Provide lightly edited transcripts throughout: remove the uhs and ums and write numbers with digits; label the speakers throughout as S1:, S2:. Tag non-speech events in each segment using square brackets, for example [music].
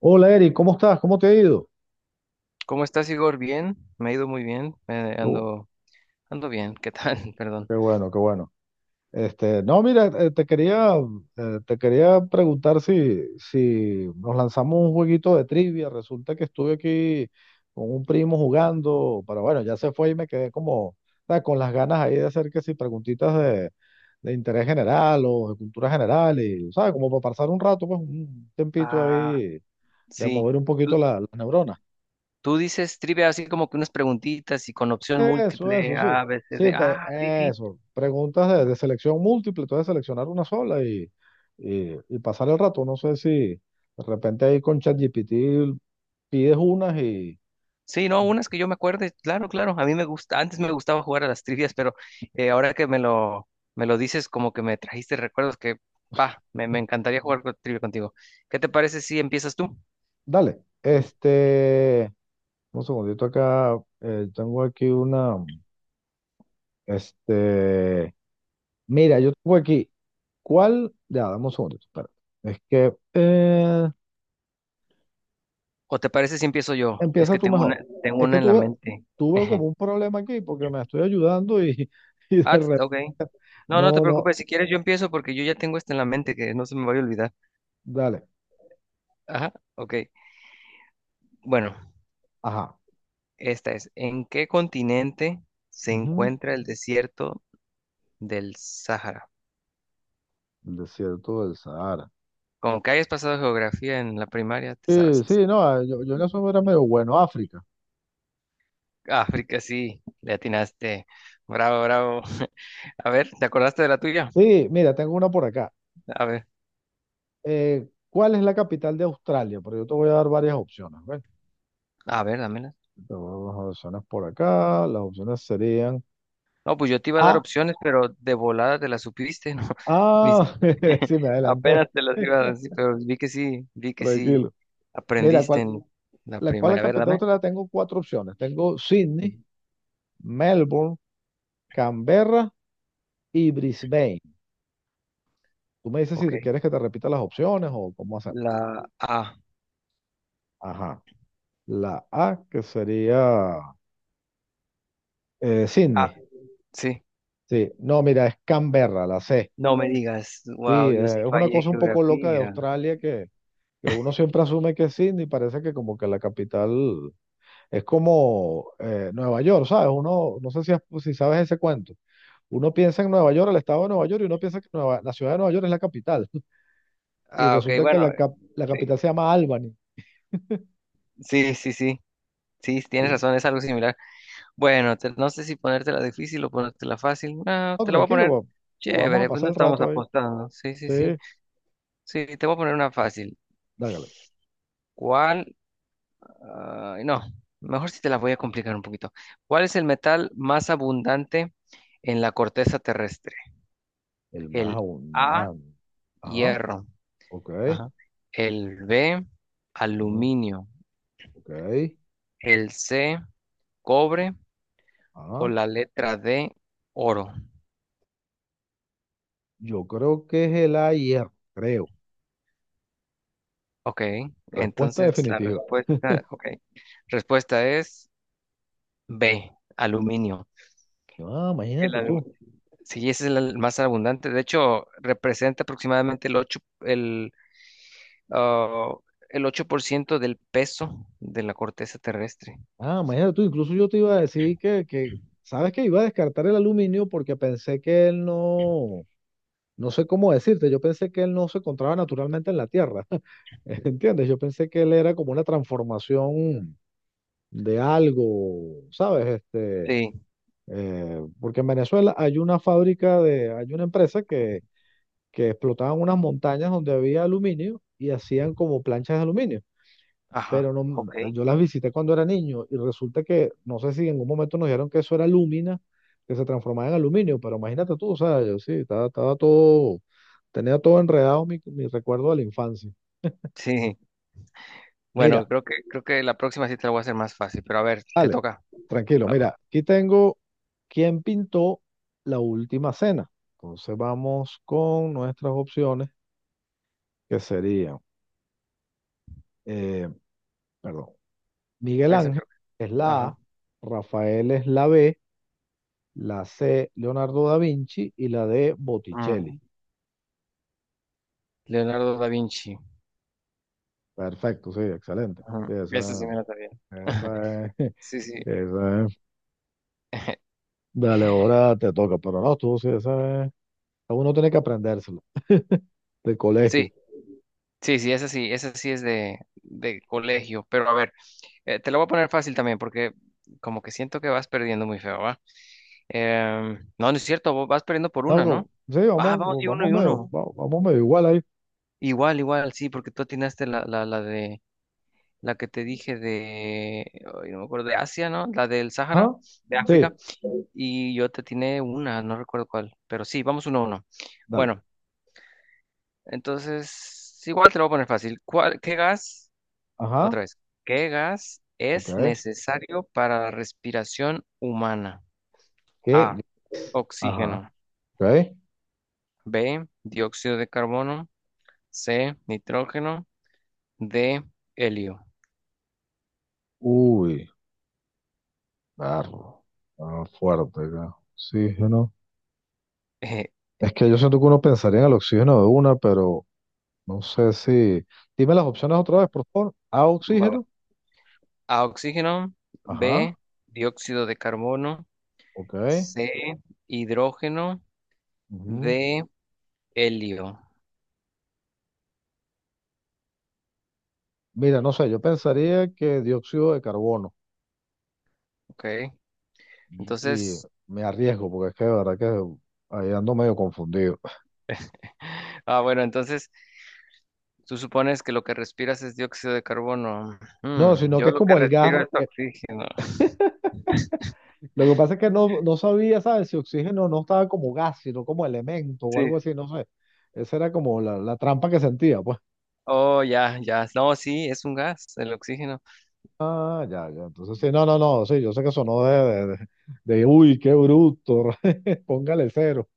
S1: Hola Eric, ¿cómo estás? ¿Cómo te ha ido?
S2: ¿Cómo estás, Igor? Bien, me ha ido muy bien,
S1: Qué, bu-
S2: ando bien, ¿qué tal? [laughs] Perdón.
S1: qué bueno, qué bueno. Este, no, mira, te quería preguntar si nos lanzamos un jueguito de trivia. Resulta que estuve aquí con un primo jugando, pero bueno, ya se fue y me quedé como, ¿sabes? Con las ganas ahí de hacer que si preguntitas de, interés general o de cultura general y, ¿sabes? Como para pasar un rato, pues un tempito
S2: Ah,
S1: ahí de
S2: sí.
S1: mover un
S2: Tú,
S1: poquito las neuronas.
S2: tú dices trivia así como que unas preguntitas y con opción
S1: Eso,
S2: múltiple,
S1: eso, sí.
S2: A, B, C,
S1: Sí,
S2: D.
S1: pues
S2: Ah, sí, sí.
S1: eso. Preguntas de, selección múltiple, entonces seleccionar una sola y pasar el rato. No sé si de repente ahí con ChatGPT pides unas y...
S2: Sí, no, unas que yo me acuerde, claro, claro. A mí me gusta, antes me gustaba jugar a las trivias, pero ahora que me lo dices, como que me trajiste recuerdos que, me encantaría jugar trivia contigo. ¿Qué te parece si empiezas tú?
S1: Dale. Este, un segundito acá. Tengo aquí una... Este, mira, yo tengo aquí. ¿Cuál? Ya, dame un segundito. Espera. Es que
S2: ¿O te parece si empiezo yo? Es
S1: empieza
S2: que
S1: tú
S2: tengo
S1: mejor.
S2: una, tengo
S1: Es que
S2: una en la
S1: tuve,
S2: mente.
S1: tuve como
S2: [laughs]
S1: un problema aquí porque me estoy ayudando y... [laughs] Y
S2: Ah,
S1: de
S2: ok. No, no te
S1: No, no,
S2: preocupes, si quieres yo empiezo porque yo ya tengo esta en la mente que no se me vaya a olvidar.
S1: dale.
S2: Ajá, ok. Bueno,
S1: Ajá.
S2: esta es, ¿en qué continente se
S1: Ujú.
S2: encuentra el desierto del Sahara?
S1: El desierto del Sahara.
S2: Como que hayas pasado geografía en la primaria, te
S1: Sí,
S2: sabes eso.
S1: sí, no, ah, yo en eso era medio bueno. África.
S2: África, sí, le atinaste. Bravo, bravo. [laughs] A ver, ¿te acordaste de la tuya?
S1: Sí, mira, tengo una por acá.
S2: A ver,
S1: ¿Cuál es la capital de Australia? Porque yo te voy a dar varias opciones, ¿ves?
S2: a ver, dámela.
S1: Te voy a dar las opciones por acá. Las opciones serían.
S2: No, pues yo te iba a dar
S1: Ah,
S2: opciones, pero de volada te las supiste, ¿no? [laughs] Ni si...
S1: ah, [laughs]
S2: [laughs]
S1: sí, me adelanté.
S2: Apenas te las iba a decir, pero vi que sí, vi
S1: [laughs]
S2: que sí
S1: Tranquilo. Mira,
S2: aprendiste
S1: ¿cuál,
S2: en la
S1: la, cuál es la
S2: primaria. A ver,
S1: capital de
S2: dame.
S1: Australia? Tengo cuatro opciones. Tengo Sydney, Melbourne, Canberra y Brisbane. Tú me dices
S2: Ok.
S1: si quieres que te repita las opciones o cómo hacemos.
S2: La A.
S1: Ajá. La A, que sería
S2: Ah,
S1: Sydney.
S2: sí.
S1: Sí, no, mira, es Canberra, la C.
S2: No me digas.
S1: Sí,
S2: Wow, yo sí
S1: es una
S2: fallé
S1: cosa un poco loca de
S2: geografía.
S1: Australia que uno siempre asume que es Sydney, parece que como que la capital es como Nueva York, ¿sabes? Uno, no sé si, si sabes ese cuento. Uno piensa en Nueva York, el estado de Nueva York, y uno piensa que la ciudad de Nueva York es la capital. [laughs] Y
S2: Ah, ok,
S1: resulta que
S2: bueno,
S1: la
S2: sí,
S1: capital se llama Albany.
S2: sí, sí, sí. Sí, tienes
S1: Sí.
S2: razón, es algo similar. Bueno, no sé si ponértela difícil o ponértela fácil. No,
S1: No,
S2: te la voy a
S1: tranquilo,
S2: poner
S1: vamos a
S2: chévere, pues no
S1: pasar el
S2: estamos
S1: rato ahí.
S2: apostando. Sí, sí, sí.
S1: Sí,
S2: Sí, te voy a poner una fácil.
S1: dágale.
S2: ¿Cuál? No, mejor si te la voy a complicar un poquito. ¿Cuál es el metal más abundante en la corteza terrestre?
S1: El más
S2: El A,
S1: abundante. Ajá,
S2: hierro.
S1: ok.
S2: Ajá. El B,
S1: Ujú,
S2: aluminio.
S1: ok.
S2: El C, cobre. O
S1: Ajá.
S2: la letra D, oro.
S1: Yo creo que es el ayer, creo.
S2: Ok,
S1: Respuesta
S2: entonces la
S1: definitiva.
S2: respuesta, ok. Respuesta es B, aluminio.
S1: Ah,
S2: El
S1: imagínate tú.
S2: aluminio. Sí, ese es el más abundante. De hecho, representa aproximadamente ah, el 8% del peso de la corteza terrestre.
S1: Ah, imagínate tú. Incluso yo te iba a decir ¿sabes que iba a descartar el aluminio porque pensé que él no, no sé cómo decirte, yo pensé que él no se encontraba naturalmente en la Tierra? [laughs] ¿Entiendes? Yo pensé que él era como una transformación de algo, ¿sabes? Este,
S2: Sí,
S1: eh, porque en Venezuela hay una empresa que, explotaban unas montañas donde había aluminio y hacían como planchas de aluminio.
S2: ajá,
S1: Pero
S2: ok.
S1: no, yo las visité cuando era niño y resulta que, no sé si en algún momento nos dijeron que eso era lúmina que se transformaba en aluminio, pero imagínate tú, o sea, yo sí, estaba todo, tenía todo enredado mi recuerdo de la infancia.
S2: Sí, bueno,
S1: Mira,
S2: creo que la próxima sí te la voy a hacer más fácil, pero a ver, te toca.
S1: tranquilo,
S2: Va, va.
S1: mira, aquí tengo quién pintó La Última Cena. Entonces vamos con nuestras opciones. Que sería, eh, perdón, Miguel
S2: Esa
S1: Ángel
S2: creo que-
S1: es la
S2: Ajá.
S1: A, Rafael es la B, la C, Leonardo da Vinci y la D, Botticelli.
S2: Ujú. Leonardo da Vinci.
S1: Perfecto, sí, excelente. Sí,
S2: Ajá. Esa sí
S1: esa,
S2: me la sabía. [laughs]
S1: esa es, [laughs]
S2: Sí, sí.
S1: esa es. Dale, ahora te toca, pero no, tú, sí, esa es, uno tiene que aprendérselo [laughs] de
S2: Sí,
S1: colegio.
S2: sí, sí, esa sí es de colegio, pero a ver, te lo voy a poner fácil también porque como que siento que vas perdiendo muy feo, ¿va? No, no es cierto, vos vas perdiendo por
S1: No,
S2: una, ¿no?
S1: sí,
S2: Ah,
S1: vamos,
S2: vamos, y uno
S1: vamos
S2: y
S1: medio,
S2: uno. Mm.
S1: vamos medio igual ahí.
S2: Igual, igual, sí, porque tú atinaste la, de la que te dije de, ay, no me acuerdo, de Asia, ¿no? La del Sahara
S1: Ajá,
S2: de Ujú.
S1: sí,
S2: África, y yo te atiné una, no recuerdo cuál, pero sí, vamos uno a uno.
S1: dale.
S2: Bueno, entonces, igual te lo voy a poner fácil. ¿Cuál, qué gas? Otra
S1: Ajá,
S2: vez, ¿qué gas
S1: ok.
S2: es necesario para la respiración humana?
S1: ¿Qué?
S2: A,
S1: Ajá,
S2: oxígeno.
S1: ok.
S2: B, dióxido de carbono. C, nitrógeno. D, helio. [laughs]
S1: Uy. Barro. Ah, fuerte acá. Oxígeno.
S2: Eh,
S1: Es que yo siento que uno pensaría en el oxígeno de una, pero no sé si. Dime las opciones otra vez, por favor. A,
S2: va-
S1: oxígeno.
S2: A, oxígeno.
S1: Ajá.
S2: B, dióxido de carbono.
S1: Ok.
S2: C, hidrógeno.
S1: Ujú.
S2: D, helio.
S1: Mira, no sé, yo pensaría que dióxido de carbono.
S2: Ok.
S1: Y
S2: Entonces,
S1: me arriesgo, porque es que de verdad que ahí ando medio confundido.
S2: [laughs] bueno, entonces tú supones que lo que respiras es dióxido de carbono.
S1: No,
S2: Mm,
S1: sino que
S2: yo
S1: es
S2: lo que
S1: como el gas.
S2: respiro es oxígeno. [laughs]
S1: Lo que pasa es que no sabía, ¿sabes? Si oxígeno no estaba como gas, sino como elemento o
S2: Sí.
S1: algo así, no sé. Esa era como la trampa que sentía, pues.
S2: Oh, ya, ya. No, sí, es un gas, el oxígeno.
S1: Ah, ya, ya. Entonces, sí, no, no, no, sí, yo sé que sonó de, de- de, uy, qué bruto, [laughs] póngale cero.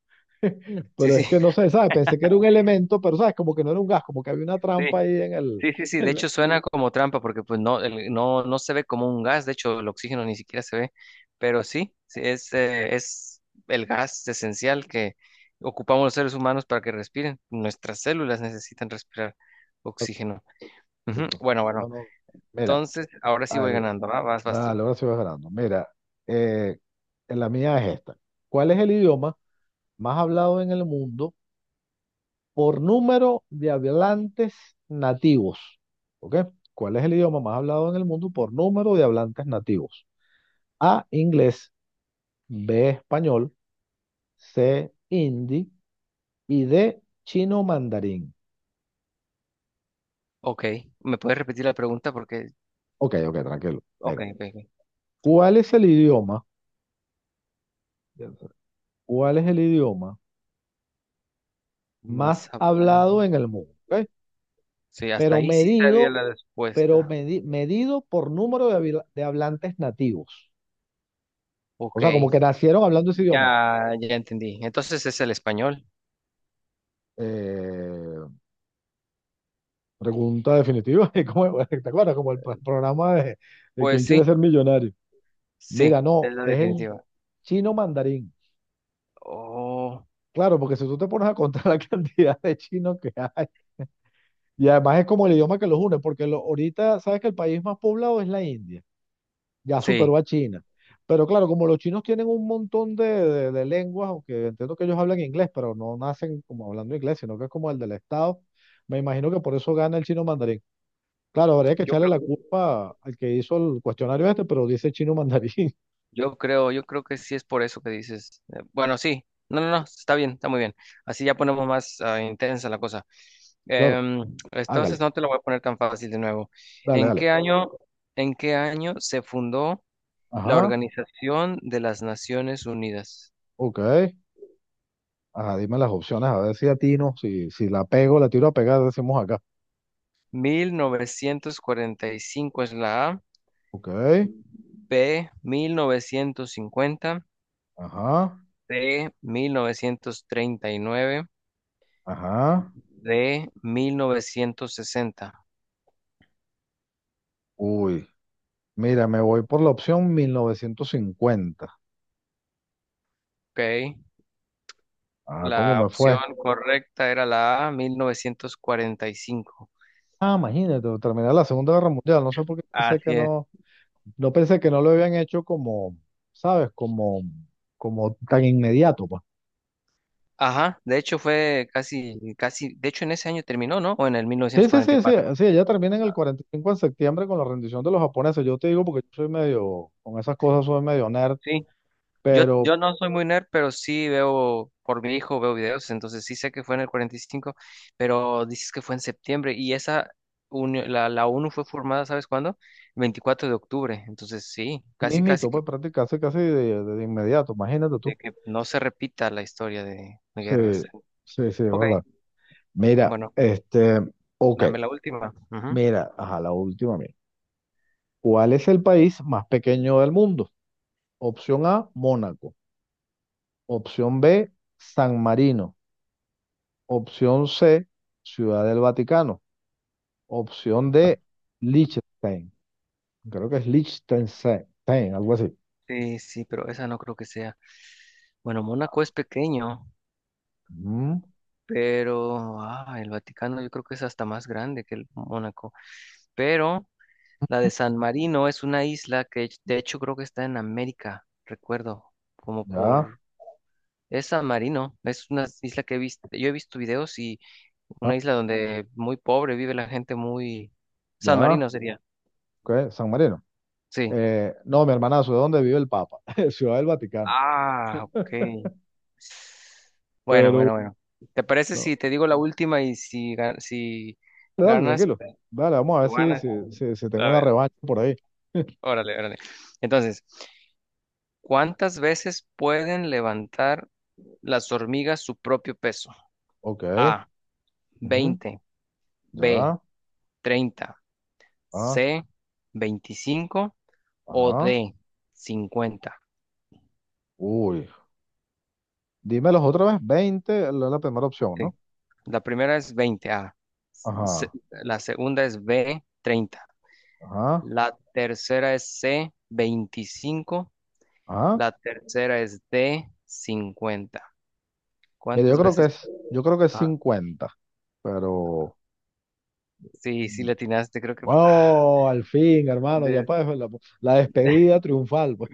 S1: [laughs]
S2: Sí,
S1: Pero
S2: sí,
S1: es que no
S2: [laughs]
S1: sé, ¿sabes? Pensé que era un elemento, pero ¿sabes? Como que no era un gas, como que había una trampa
S2: sí.
S1: ahí en el...
S2: Sí, sí,
S1: [laughs]
S2: sí, de
S1: en la-
S2: hecho suena como trampa porque pues no, no, no se ve como un gas, de hecho el oxígeno ni siquiera se ve, pero sí, sí, es el gas esencial que ocupamos los seres humanos para que respiren, nuestras células necesitan respirar oxígeno. Ujú,
S1: Perfecto.
S2: bueno, bueno,
S1: No, no. Mira,
S2: entonces ahora sí voy
S1: ay,
S2: ganando, ¿va? Vas tú.
S1: dale, ahora sí vas ganando. Mira, eh, la mía es esta. ¿Cuál es el idioma más hablado en el mundo por número de hablantes nativos? ¿Ok? ¿Cuál es el idioma más hablado en el mundo por número de hablantes nativos? A, inglés; B, español; C, hindi; y D, chino mandarín.
S2: Ok, ¿me puedes repetir la pregunta? Porque,
S1: Ok, ok, tranquilo.
S2: ok,
S1: Mira,
S2: ok, ok.
S1: ¿cuál es el idioma? ¿Cuál es el idioma
S2: Más
S1: más
S2: hablado.
S1: hablado en el mundo? ¿Ok?
S2: Sí, hasta
S1: Pero
S2: ahí sí sabía
S1: medido,
S2: la
S1: pero
S2: respuesta.
S1: medi- medido por número de hablantes nativos. O
S2: Ok,
S1: sea, como que nacieron hablando ese idioma.
S2: ya, ya entendí. Entonces es el español.
S1: Eh, Pregunta definitiva. [laughs] ¿Te acuerdas? Como el, pues, programa de ¿Quién
S2: Pues
S1: quiere
S2: sí.
S1: ser millonario?
S2: Sí,
S1: Mira, no,
S2: es la
S1: es el
S2: definitiva.
S1: chino mandarín.
S2: Oh,
S1: Claro, porque si tú te pones a contar [laughs] la cantidad de chinos que hay, y además es como el idioma que los une, porque ahorita sabes que el país más poblado es la India, ya
S2: sí,
S1: superó a China. Pero claro, como los chinos tienen un montón de lenguas, aunque entiendo que ellos hablan inglés, pero no nacen como hablando inglés, sino que es como el del Estado, me imagino que por eso gana el chino mandarín. Claro, habría que
S2: yo
S1: echarle
S2: creo,
S1: la culpa al que hizo el cuestionario este, pero dice chino mandarín. [laughs]
S2: yo creo que sí es por eso que dices. Bueno, sí, no, no, no, está bien, está muy bien. Así ya ponemos más intensa la cosa.
S1: Claro,
S2: Entonces
S1: hágale,
S2: no te lo voy a poner tan fácil de nuevo.
S1: dale,
S2: ¿En
S1: dale.
S2: qué año, en qué año se fundó la
S1: Ajá,
S2: Organización de las Naciones Unidas?
S1: ok. Ajá, dime las opciones, a ver si atino, si la pego, la tiro a pegar, decimos acá.
S2: 1945 es la A,
S1: Ok,
S2: B, 1950.
S1: ajá,
S2: De 1939,
S1: ajá.
S2: de 1960.
S1: Uy, mira, me voy por la opción 1950.
S2: Ok,
S1: Ah, ¿cómo
S2: la
S1: me fue?
S2: opción correcta era la A, 1945.
S1: Ah, imagínate, terminar la Segunda Guerra Mundial. No sé por qué pensé que
S2: Así es.
S1: no, no pensé que no lo habían hecho como, ¿sabes? Como tan inmediato, pues.
S2: Ajá, de hecho fue casi, casi, de hecho en ese año terminó, ¿no? O en el
S1: Sí, sí, sí, sí,
S2: 1944.
S1: sí, ella termina en el 45 en septiembre con la rendición de los japoneses. Yo te digo porque yo soy medio, con esas cosas soy medio nerd,
S2: Sí, Yo,
S1: pero.
S2: yo no soy muy nerd, pero sí veo, por mi hijo veo videos, entonces sí sé que fue en el 45, pero dices que fue en septiembre y esa, la ONU fue formada, ¿sabes cuándo? El 24 de octubre, entonces sí, casi, casi
S1: Mismito,
S2: que,
S1: pues prácticamente casi, casi de inmediato, imagínate tú.
S2: de que no se repita la historia de
S1: Sí,
S2: guerras.
S1: sí, sí,
S2: Ok,
S1: hola. Mira,
S2: bueno,
S1: este, ok,
S2: dame la última. Ujú.
S1: mira, ajá, la última, mira. ¿Cuál es el país más pequeño del mundo? Opción A, Mónaco. Opción B, San Marino. Opción C, Ciudad del Vaticano. Opción D, Liechtenstein. Creo que es Liechtenstein, algo así.
S2: Sí, sí, pero esa no creo que sea. Bueno, Mónaco es pequeño,
S1: Ujú,
S2: pero el Vaticano yo creo que es hasta más grande que el Mónaco, pero... La de San Marino es una isla que de hecho creo que está en América, recuerdo, como
S1: ya,
S2: por... Es San Marino, es una isla que he visto, yo he visto videos y
S1: ah,
S2: una isla donde muy pobre vive la gente muy... San
S1: ya,
S2: Marino sería,
S1: ok, San Marino.
S2: sí.
S1: No, mi hermanazo, ¿de dónde vive el Papa? [laughs] Ciudad del Vaticano.
S2: Ah, ok. Bueno,
S1: Pero,
S2: bueno, bueno. ¿Te parece
S1: no.
S2: si te digo la última y si
S1: Dale,
S2: ganas?
S1: tranquilo. Dale, vamos a ver
S2: Tú
S1: si,
S2: ganas.
S1: si, si, si tengo
S2: A
S1: una
S2: ver,
S1: revancha por ahí. [laughs]
S2: órale, órale. Entonces... ¿Cuántas veces pueden levantar las hormigas su propio peso?
S1: Ok.
S2: A,
S1: Ujú,
S2: 20. B,
S1: ya.
S2: 30.
S1: Ah,
S2: C, 25. O
S1: ajá.
S2: D, 50.
S1: Uy. Dímelos otra vez. 20 es la primera opción,
S2: Sí.
S1: ¿no?
S2: La primera es 20. A. Se-
S1: Ajá.
S2: la segunda es B, 30.
S1: Ajá.
S2: La tercera es C, 25.
S1: Ajá.
S2: La tercera es D, 50.
S1: Mira, yo
S2: ¿Cuántas
S1: creo que
S2: veces?
S1: es, yo creo que es
S2: Ah,
S1: cincuenta, pero.
S2: sí, sí, le atinaste, creo que...
S1: ¡Wow! Al fin, hermano, ya
S2: de-
S1: para la despedida triunfal, pues.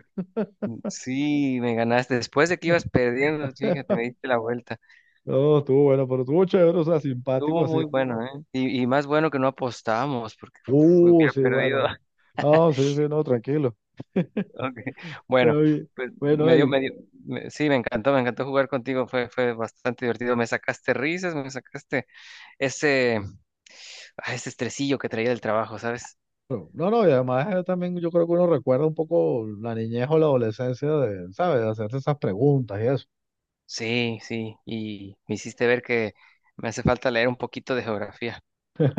S2: Sí, me ganaste. Después de que ibas perdiendo, fíjate, me diste
S1: [laughs]
S2: la vuelta.
S1: No, estuvo bueno, pero estuvo chévere, o sea, simpático
S2: Estuvo
S1: así.
S2: muy bueno, ¿eh? Y más bueno que no apostamos, porque uf, hubiera
S1: Sí,
S2: perdido.
S1: bueno.
S2: [laughs]
S1: No, sí, sí, no, tranquilo. [laughs] Está
S2: Ok. Bueno,
S1: bien.
S2: pues
S1: Bueno, Eric.
S2: sí, me encantó jugar contigo. Fue bastante divertido. Me sacaste risas, me sacaste ese, ese estresillo que traía del trabajo, ¿sabes?
S1: No, no, no, y además también yo creo que uno recuerda un poco la niñez o la adolescencia de, ¿sabes? De hacerse esas preguntas y eso.
S2: Sí, sí. Y me hiciste ver que me hace falta leer un poquito de geografía.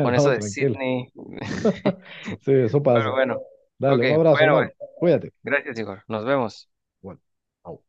S2: Con eso
S1: No,
S2: de
S1: tranquilo.
S2: Sydney.
S1: Sí, eso
S2: Bueno,
S1: pasa.
S2: bueno.
S1: Dale,
S2: Ok,
S1: un abrazo,
S2: bueno.
S1: hermano. Cuídate.
S2: Gracias, Igor. Nos vemos.
S1: Bueno. Chao.